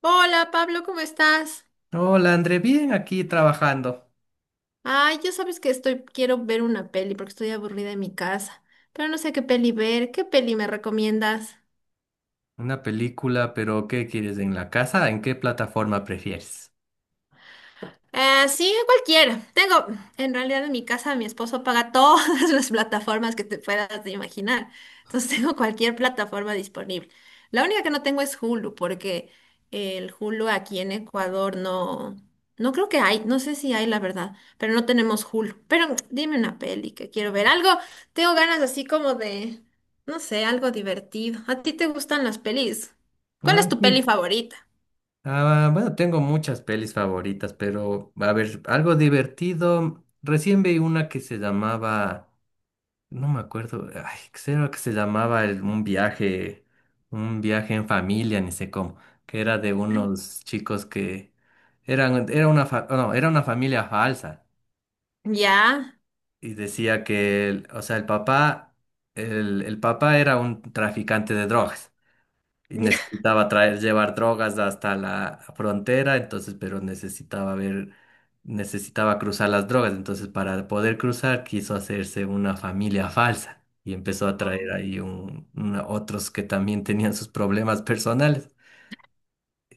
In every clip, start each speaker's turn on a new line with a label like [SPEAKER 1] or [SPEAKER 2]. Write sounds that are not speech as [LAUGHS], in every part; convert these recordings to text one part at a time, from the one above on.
[SPEAKER 1] Hola Pablo, ¿cómo estás?
[SPEAKER 2] Hola André, bien aquí trabajando.
[SPEAKER 1] Ay, ya sabes que estoy, quiero ver una peli porque estoy aburrida en mi casa, pero no sé qué peli ver. ¿Qué peli me recomiendas?
[SPEAKER 2] Una película, pero ¿qué quieres en la casa? ¿En qué plataforma prefieres?
[SPEAKER 1] Sí, cualquiera. Tengo, en realidad en mi casa mi esposo paga todas [LAUGHS] las plataformas que te puedas de imaginar. Entonces [LAUGHS] tengo cualquier plataforma disponible. La única que no tengo es Hulu, porque el Hulu aquí en Ecuador no, no creo que hay, no sé si hay la verdad, pero no tenemos Hulu. Pero [TSK] dime una peli que quiero ver. Algo, tengo ganas así como de, no sé, algo divertido. ¿A ti te gustan las pelis? ¿Cuál
[SPEAKER 2] Ah,
[SPEAKER 1] es tu peli
[SPEAKER 2] sí.
[SPEAKER 1] favorita?
[SPEAKER 2] Ah, bueno, tengo muchas pelis favoritas, pero a ver, algo divertido. Recién vi una que se llamaba, no me acuerdo, ay, ¿qué era que se llamaba un viaje en familia, ni sé cómo, que era de unos chicos que era una, fa- no, era una familia falsa.
[SPEAKER 1] Ya.
[SPEAKER 2] Y decía que, o sea, el papá, el papá era un traficante de drogas y
[SPEAKER 1] [LAUGHS]
[SPEAKER 2] necesitaba traer, llevar drogas hasta la frontera, entonces, pero necesitaba ver, necesitaba cruzar las drogas, entonces para poder cruzar quiso hacerse una familia falsa y empezó a
[SPEAKER 1] Ya.
[SPEAKER 2] traer ahí otros que también tenían sus problemas personales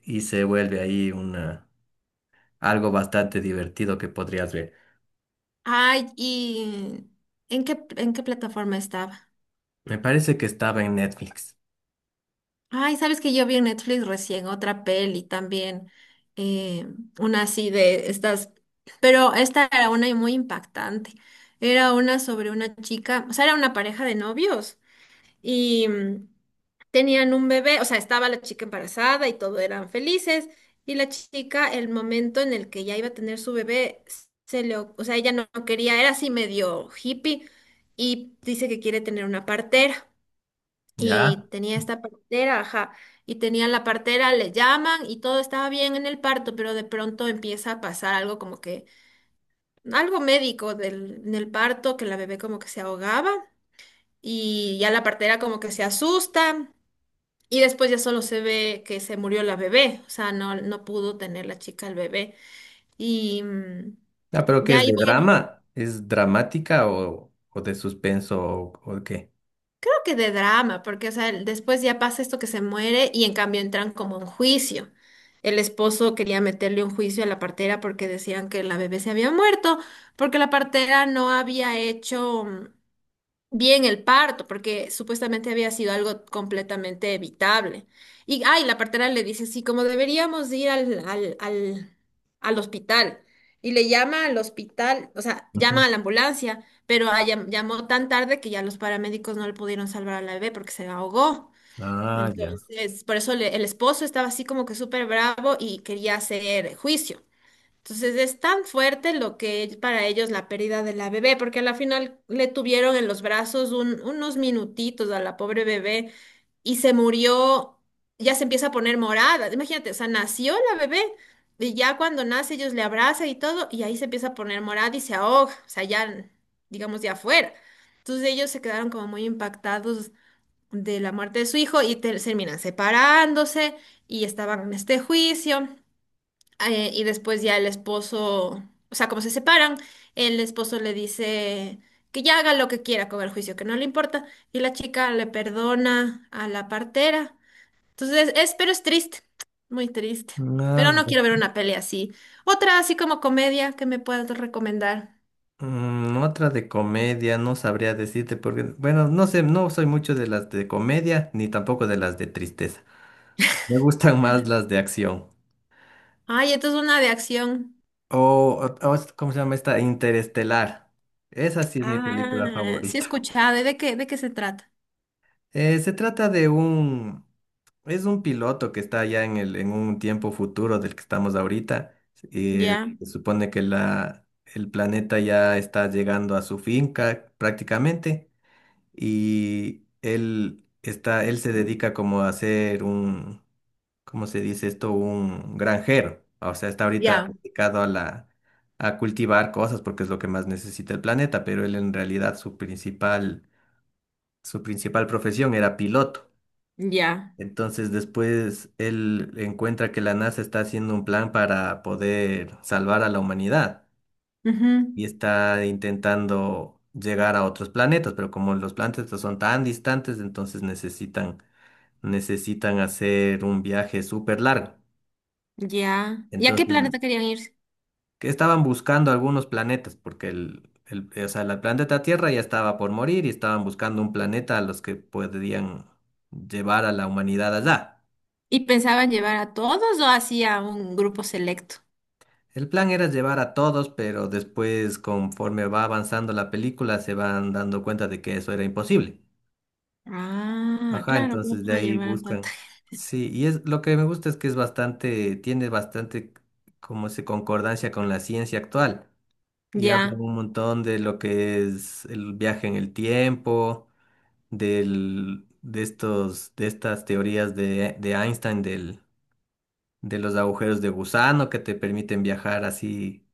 [SPEAKER 2] y se vuelve ahí una, algo bastante divertido que podrías ver.
[SPEAKER 1] Ay, ¿y en qué plataforma estaba?
[SPEAKER 2] Me parece que estaba en Netflix.
[SPEAKER 1] Ay, sabes que yo vi en Netflix recién otra peli también, eh, una así de estas, pero esta era una muy impactante. Era una sobre una chica, o sea, era una pareja de novios y tenían un bebé, o sea, estaba la chica embarazada y todo eran felices, y la chica, el momento en el que ya iba a tener su bebé, se le, o sea, ella no, no quería, era así medio hippie, y dice que quiere tener una partera, y
[SPEAKER 2] ¿Ya?
[SPEAKER 1] tenía esta partera, ajá, y tenía la partera, le llaman, y todo estaba bien en el parto, pero de pronto empieza a pasar algo como que, algo médico del, en el parto, que la bebé como que se ahogaba, y ya la partera como que se asusta, y después ya solo se ve que se murió la bebé, o sea, no, no pudo tener la chica el bebé. Y
[SPEAKER 2] Ah, pero
[SPEAKER 1] de
[SPEAKER 2] ¿qué es
[SPEAKER 1] ahí,
[SPEAKER 2] de
[SPEAKER 1] bueno,
[SPEAKER 2] drama? ¿Es dramática o de suspenso o qué?
[SPEAKER 1] creo que de drama, porque, o sea, después ya pasa esto que se muere y en cambio entran como un juicio. El esposo quería meterle un juicio a la partera porque decían que la bebé se había muerto, porque la partera no había hecho bien el parto, porque supuestamente había sido algo completamente evitable. Y, ay, la partera le dice, sí, como deberíamos ir al hospital. Y le llama al hospital, o sea,
[SPEAKER 2] Ujú.
[SPEAKER 1] llama a la ambulancia, pero llamó tan tarde que ya los paramédicos no le pudieron salvar a la bebé porque se ahogó.
[SPEAKER 2] Ah, ya.
[SPEAKER 1] Entonces, por eso el esposo estaba así como que súper bravo y quería hacer juicio. Entonces es tan fuerte lo que es para ellos la pérdida de la bebé, porque a la final le tuvieron en los brazos unos minutitos a la pobre bebé y se murió, ya se empieza a poner morada. Imagínate, o sea, nació la bebé y ya cuando nace ellos le abrazan y todo y ahí se empieza a poner morada y se ahoga, o sea, ya, digamos, de afuera. Entonces ellos se quedaron como muy impactados de la muerte de su hijo y terminan separándose y estaban en este juicio. Y después ya el esposo, o sea, como se separan, el esposo le dice que ya haga lo que quiera con el juicio, que no le importa, y la chica le perdona a la partera. Entonces, es, pero es triste, muy triste. Pero
[SPEAKER 2] Ah,
[SPEAKER 1] no
[SPEAKER 2] ya.
[SPEAKER 1] quiero ver una pelea así. Otra así como comedia que me puedas recomendar.
[SPEAKER 2] Mm, otra de comedia, no sabría decirte porque, bueno, no sé, no soy mucho de las de comedia ni tampoco de las de tristeza. Me gustan más las de acción.
[SPEAKER 1] Ay, esto es una de acción.
[SPEAKER 2] O, ¿Cómo se llama esta? Interestelar. Esa sí es mi película
[SPEAKER 1] Ah, sí he
[SPEAKER 2] favorita.
[SPEAKER 1] escuchado. ¿De qué se trata?
[SPEAKER 2] Se trata de un... Es un piloto que está ya en un tiempo futuro del que estamos ahorita. Ujú.
[SPEAKER 1] Ya.
[SPEAKER 2] Se supone que el planeta ya está llegando a su finca prácticamente y él está, él se dedica como a ser un, ¿cómo se dice esto? Un granjero. O sea, está ahorita
[SPEAKER 1] Ya.
[SPEAKER 2] dedicado a la, a cultivar cosas porque es lo que más necesita el planeta, pero él en realidad su principal profesión era piloto.
[SPEAKER 1] Ya.
[SPEAKER 2] Entonces después él encuentra que la NASA está haciendo un plan para poder salvar a la humanidad
[SPEAKER 1] Ujú.
[SPEAKER 2] y está intentando llegar a otros planetas, pero como los planetas son tan distantes, entonces necesitan, necesitan hacer un viaje súper largo.
[SPEAKER 1] Ya. ¿Y a qué
[SPEAKER 2] Entonces,
[SPEAKER 1] planeta querían ir?
[SPEAKER 2] que estaban buscando algunos planetas porque o sea, el planeta Tierra ya estaba por morir y estaban buscando un planeta a los que podrían llevar a la humanidad allá.
[SPEAKER 1] ¿Y pensaban llevar a todos o hacía un grupo selecto?
[SPEAKER 2] El plan era llevar a todos, pero después, conforme va avanzando la película, se van dando cuenta de que eso era imposible.
[SPEAKER 1] Ah,
[SPEAKER 2] Ajá,
[SPEAKER 1] claro, ¿cómo
[SPEAKER 2] entonces de
[SPEAKER 1] van a
[SPEAKER 2] ahí
[SPEAKER 1] llevar a tanta?
[SPEAKER 2] buscan. Sí, y es lo que me gusta es que es bastante, tiene bastante como se concordancia con la ciencia actual. Y hablan
[SPEAKER 1] Ya,
[SPEAKER 2] un montón de lo que es el viaje en el tiempo, de estos, de estas teorías de Einstein, del, de los agujeros de gusano que te permiten viajar así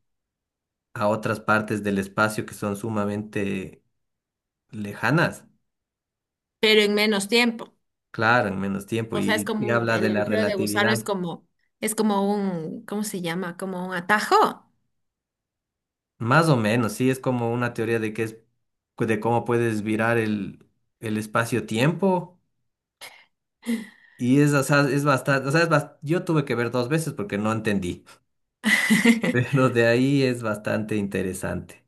[SPEAKER 2] a otras partes del espacio que son sumamente lejanas,
[SPEAKER 1] pero en menos tiempo.
[SPEAKER 2] claro, en menos tiempo,
[SPEAKER 1] O sea, es
[SPEAKER 2] y
[SPEAKER 1] como un,
[SPEAKER 2] habla de
[SPEAKER 1] el
[SPEAKER 2] la
[SPEAKER 1] agujero de gusano
[SPEAKER 2] relatividad,
[SPEAKER 1] es como un, ¿cómo se llama? Como un atajo.
[SPEAKER 2] más o menos, sí, es como una teoría de que es, de cómo puedes virar el espacio-tiempo, y es, o sea, es bastante, o sea, yo tuve que ver dos veces porque no entendí, [LAUGHS] pero
[SPEAKER 1] [LAUGHS]
[SPEAKER 2] de ahí es bastante interesante.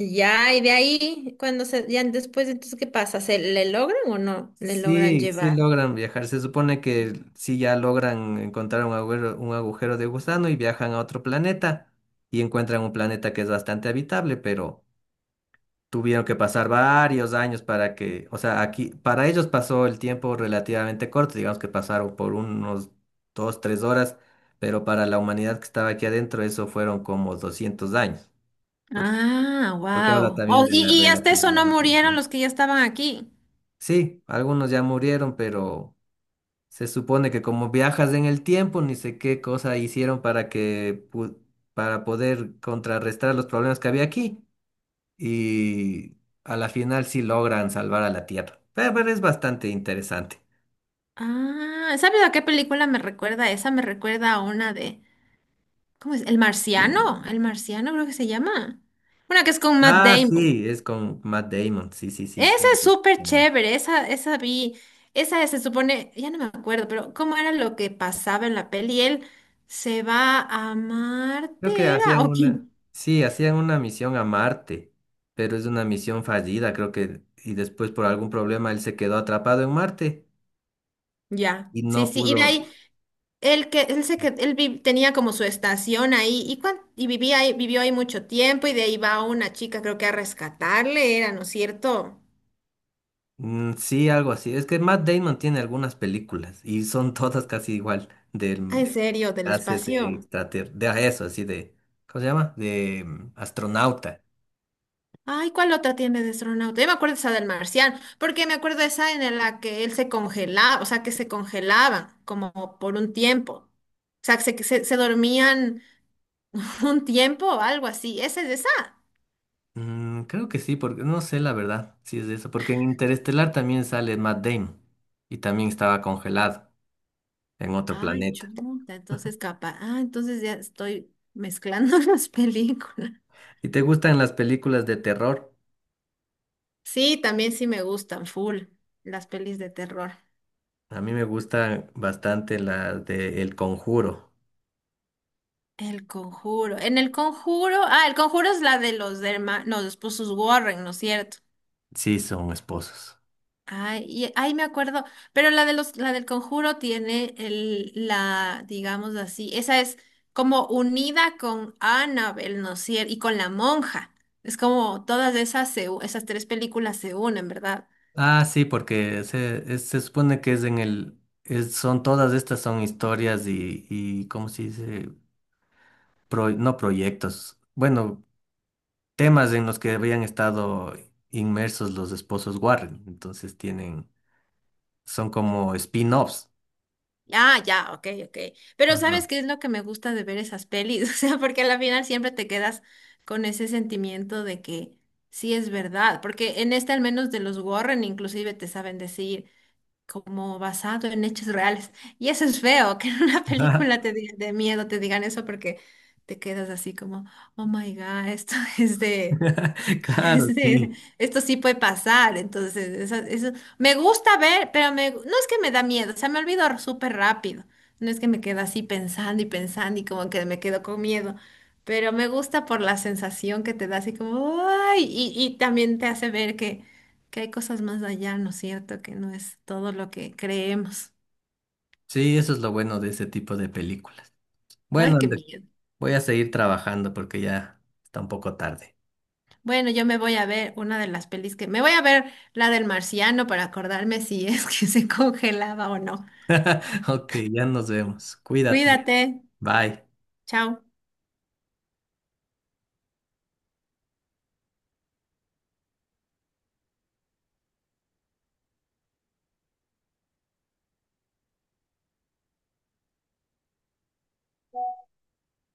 [SPEAKER 1] Ya, y de ahí, cuando se, ya después, entonces, ¿qué pasa? ¿Se le logran o no le logran
[SPEAKER 2] Sí, sí
[SPEAKER 1] llevar?
[SPEAKER 2] logran viajar. Se supone que sí ya logran encontrar un agujero de gusano y viajan a otro planeta y encuentran un planeta que es bastante habitable, pero tuvieron que pasar varios años para que, o sea, aquí para ellos pasó el tiempo relativamente corto, digamos que pasaron por unos 2, 3 horas, pero para la humanidad que estaba aquí adentro eso fueron como 200 años, por-
[SPEAKER 1] Ah,
[SPEAKER 2] porque, habla
[SPEAKER 1] wow.
[SPEAKER 2] también de
[SPEAKER 1] y,
[SPEAKER 2] la
[SPEAKER 1] y hasta eso
[SPEAKER 2] relatividad
[SPEAKER 1] no
[SPEAKER 2] del
[SPEAKER 1] murieron
[SPEAKER 2] tiempo.
[SPEAKER 1] los que ya estaban aquí.
[SPEAKER 2] Sí, algunos ya murieron, pero se supone que como viajas en el tiempo, ni sé qué cosa hicieron para que para poder contrarrestar los problemas que había aquí y a la final sí logran salvar a la Tierra. Pero es bastante interesante.
[SPEAKER 1] Ah, ¿sabes a qué película me recuerda? Esa me recuerda a una de, ¿cómo es? El Marciano creo que se llama. Una que es con Matt
[SPEAKER 2] Ah,
[SPEAKER 1] Damon.
[SPEAKER 2] sí, es con Matt Damon. Sí, sí, sí,
[SPEAKER 1] Esa
[SPEAKER 2] sí.
[SPEAKER 1] es súper chévere, esa vi, esa se supone, ya no me acuerdo, pero ¿cómo era lo que pasaba en la peli? Él se va a
[SPEAKER 2] Creo que
[SPEAKER 1] Marte, era, [LAUGHS]
[SPEAKER 2] hacían
[SPEAKER 1] ok,
[SPEAKER 2] una, sí, hacían una misión a Marte, pero es una misión fallida, creo que y después por algún problema él se quedó atrapado en Marte
[SPEAKER 1] ya,
[SPEAKER 2] y
[SPEAKER 1] sí,
[SPEAKER 2] no
[SPEAKER 1] sí, y de
[SPEAKER 2] pudo.
[SPEAKER 1] ahí, él que, él se que, él vi- tenía como su estación ahí, y vivía ahí, vivió ahí mucho tiempo, y de ahí va una chica, creo que a rescatarle, era, ¿no es cierto?
[SPEAKER 2] Mm, sí, algo así. Es que Matt Damon tiene algunas películas y son todas casi igual.
[SPEAKER 1] Ah, en
[SPEAKER 2] Del
[SPEAKER 1] serio, del
[SPEAKER 2] hace de
[SPEAKER 1] espacio.
[SPEAKER 2] extrater, de a eso, así de, ¿cómo se llama? De mm, astronauta.
[SPEAKER 1] Ay, ¿cuál otra tiene de astronauta? Yo me acuerdo esa del marciano, porque me acuerdo esa en la que él se congelaba, o sea, que se congelaban como por un tiempo. O sea, se dormían [LAUGHS] un tiempo o algo así. Esa es esa.
[SPEAKER 2] Mm, creo que sí, porque no sé la verdad si es eso, porque en Interestelar también sale Matt Damon y también estaba congelado en otro
[SPEAKER 1] Ay,
[SPEAKER 2] planeta.
[SPEAKER 1] chuta, entonces capaz. Ah, entonces ya estoy mezclando [LAUGHS] las películas.
[SPEAKER 2] ¿Y te gustan las películas de terror?
[SPEAKER 1] Sí, también sí me gustan, full, las pelis de terror.
[SPEAKER 2] A mí me gustan bastante las de El Conjuro.
[SPEAKER 1] El Conjuro. En El Conjuro, El Conjuro es la de los hermanos, los esposos Warren, ¿no es cierto?
[SPEAKER 2] Sí, son esposos.
[SPEAKER 1] Ay, y ahí me acuerdo, pero la de los, la del Conjuro tiene el, la, digamos así, esa es como unida con Annabelle, ¿no es cier- y con la monja. Es como todas esas, esas tres películas se unen, ¿verdad?
[SPEAKER 2] Ah, sí, porque se, se supone que es en el, son todas estas son historias y ¿cómo se dice? No proyectos, bueno, temas en los que habían estado inmersos los esposos Warren, entonces tienen, son como spin-offs.
[SPEAKER 1] Ah, ya, ok, ok. Pero ¿sabes
[SPEAKER 2] Ajá.
[SPEAKER 1] qué es lo que me gusta de ver esas pelis? [LAUGHS] O sea, porque al final siempre te quedas con ese sentimiento de que sí es verdad, porque en este al menos de los Warren inclusive te saben decir, como basado en hechos reales. Y eso es feo, [LAUGHS] que en una [LAUGHS] película de miedo te digan eso porque te quedas así como, oh my God, esto [LAUGHS] es de,
[SPEAKER 2] [LAUGHS]
[SPEAKER 1] [LAUGHS]
[SPEAKER 2] Claro,
[SPEAKER 1] sí,
[SPEAKER 2] sí.
[SPEAKER 1] esto sí puede pasar, entonces eso, me gusta ver, pero no es que me da miedo, o sea, me olvido súper rápido, no es que me quedo así pensando y pensando y como que me quedo con miedo, pero me gusta por la sensación que te da así como, ay, y también te hace ver que, hay cosas más allá, ¿no es cierto? Que no es todo lo que creemos.
[SPEAKER 2] Sí, eso es lo bueno de ese tipo de películas.
[SPEAKER 1] Ay,
[SPEAKER 2] Bueno,
[SPEAKER 1] qué
[SPEAKER 2] André,
[SPEAKER 1] miedo.
[SPEAKER 2] voy a seguir trabajando porque ya está un poco tarde.
[SPEAKER 1] Bueno, yo me voy a ver una de las pelis que, me voy a ver la del marciano para acordarme si es [LAUGHS] que se congelaba o no.
[SPEAKER 2] [LAUGHS] Ok, ya nos vemos. Cuídate.
[SPEAKER 1] Cuídate.
[SPEAKER 2] Bye.
[SPEAKER 1] Chao.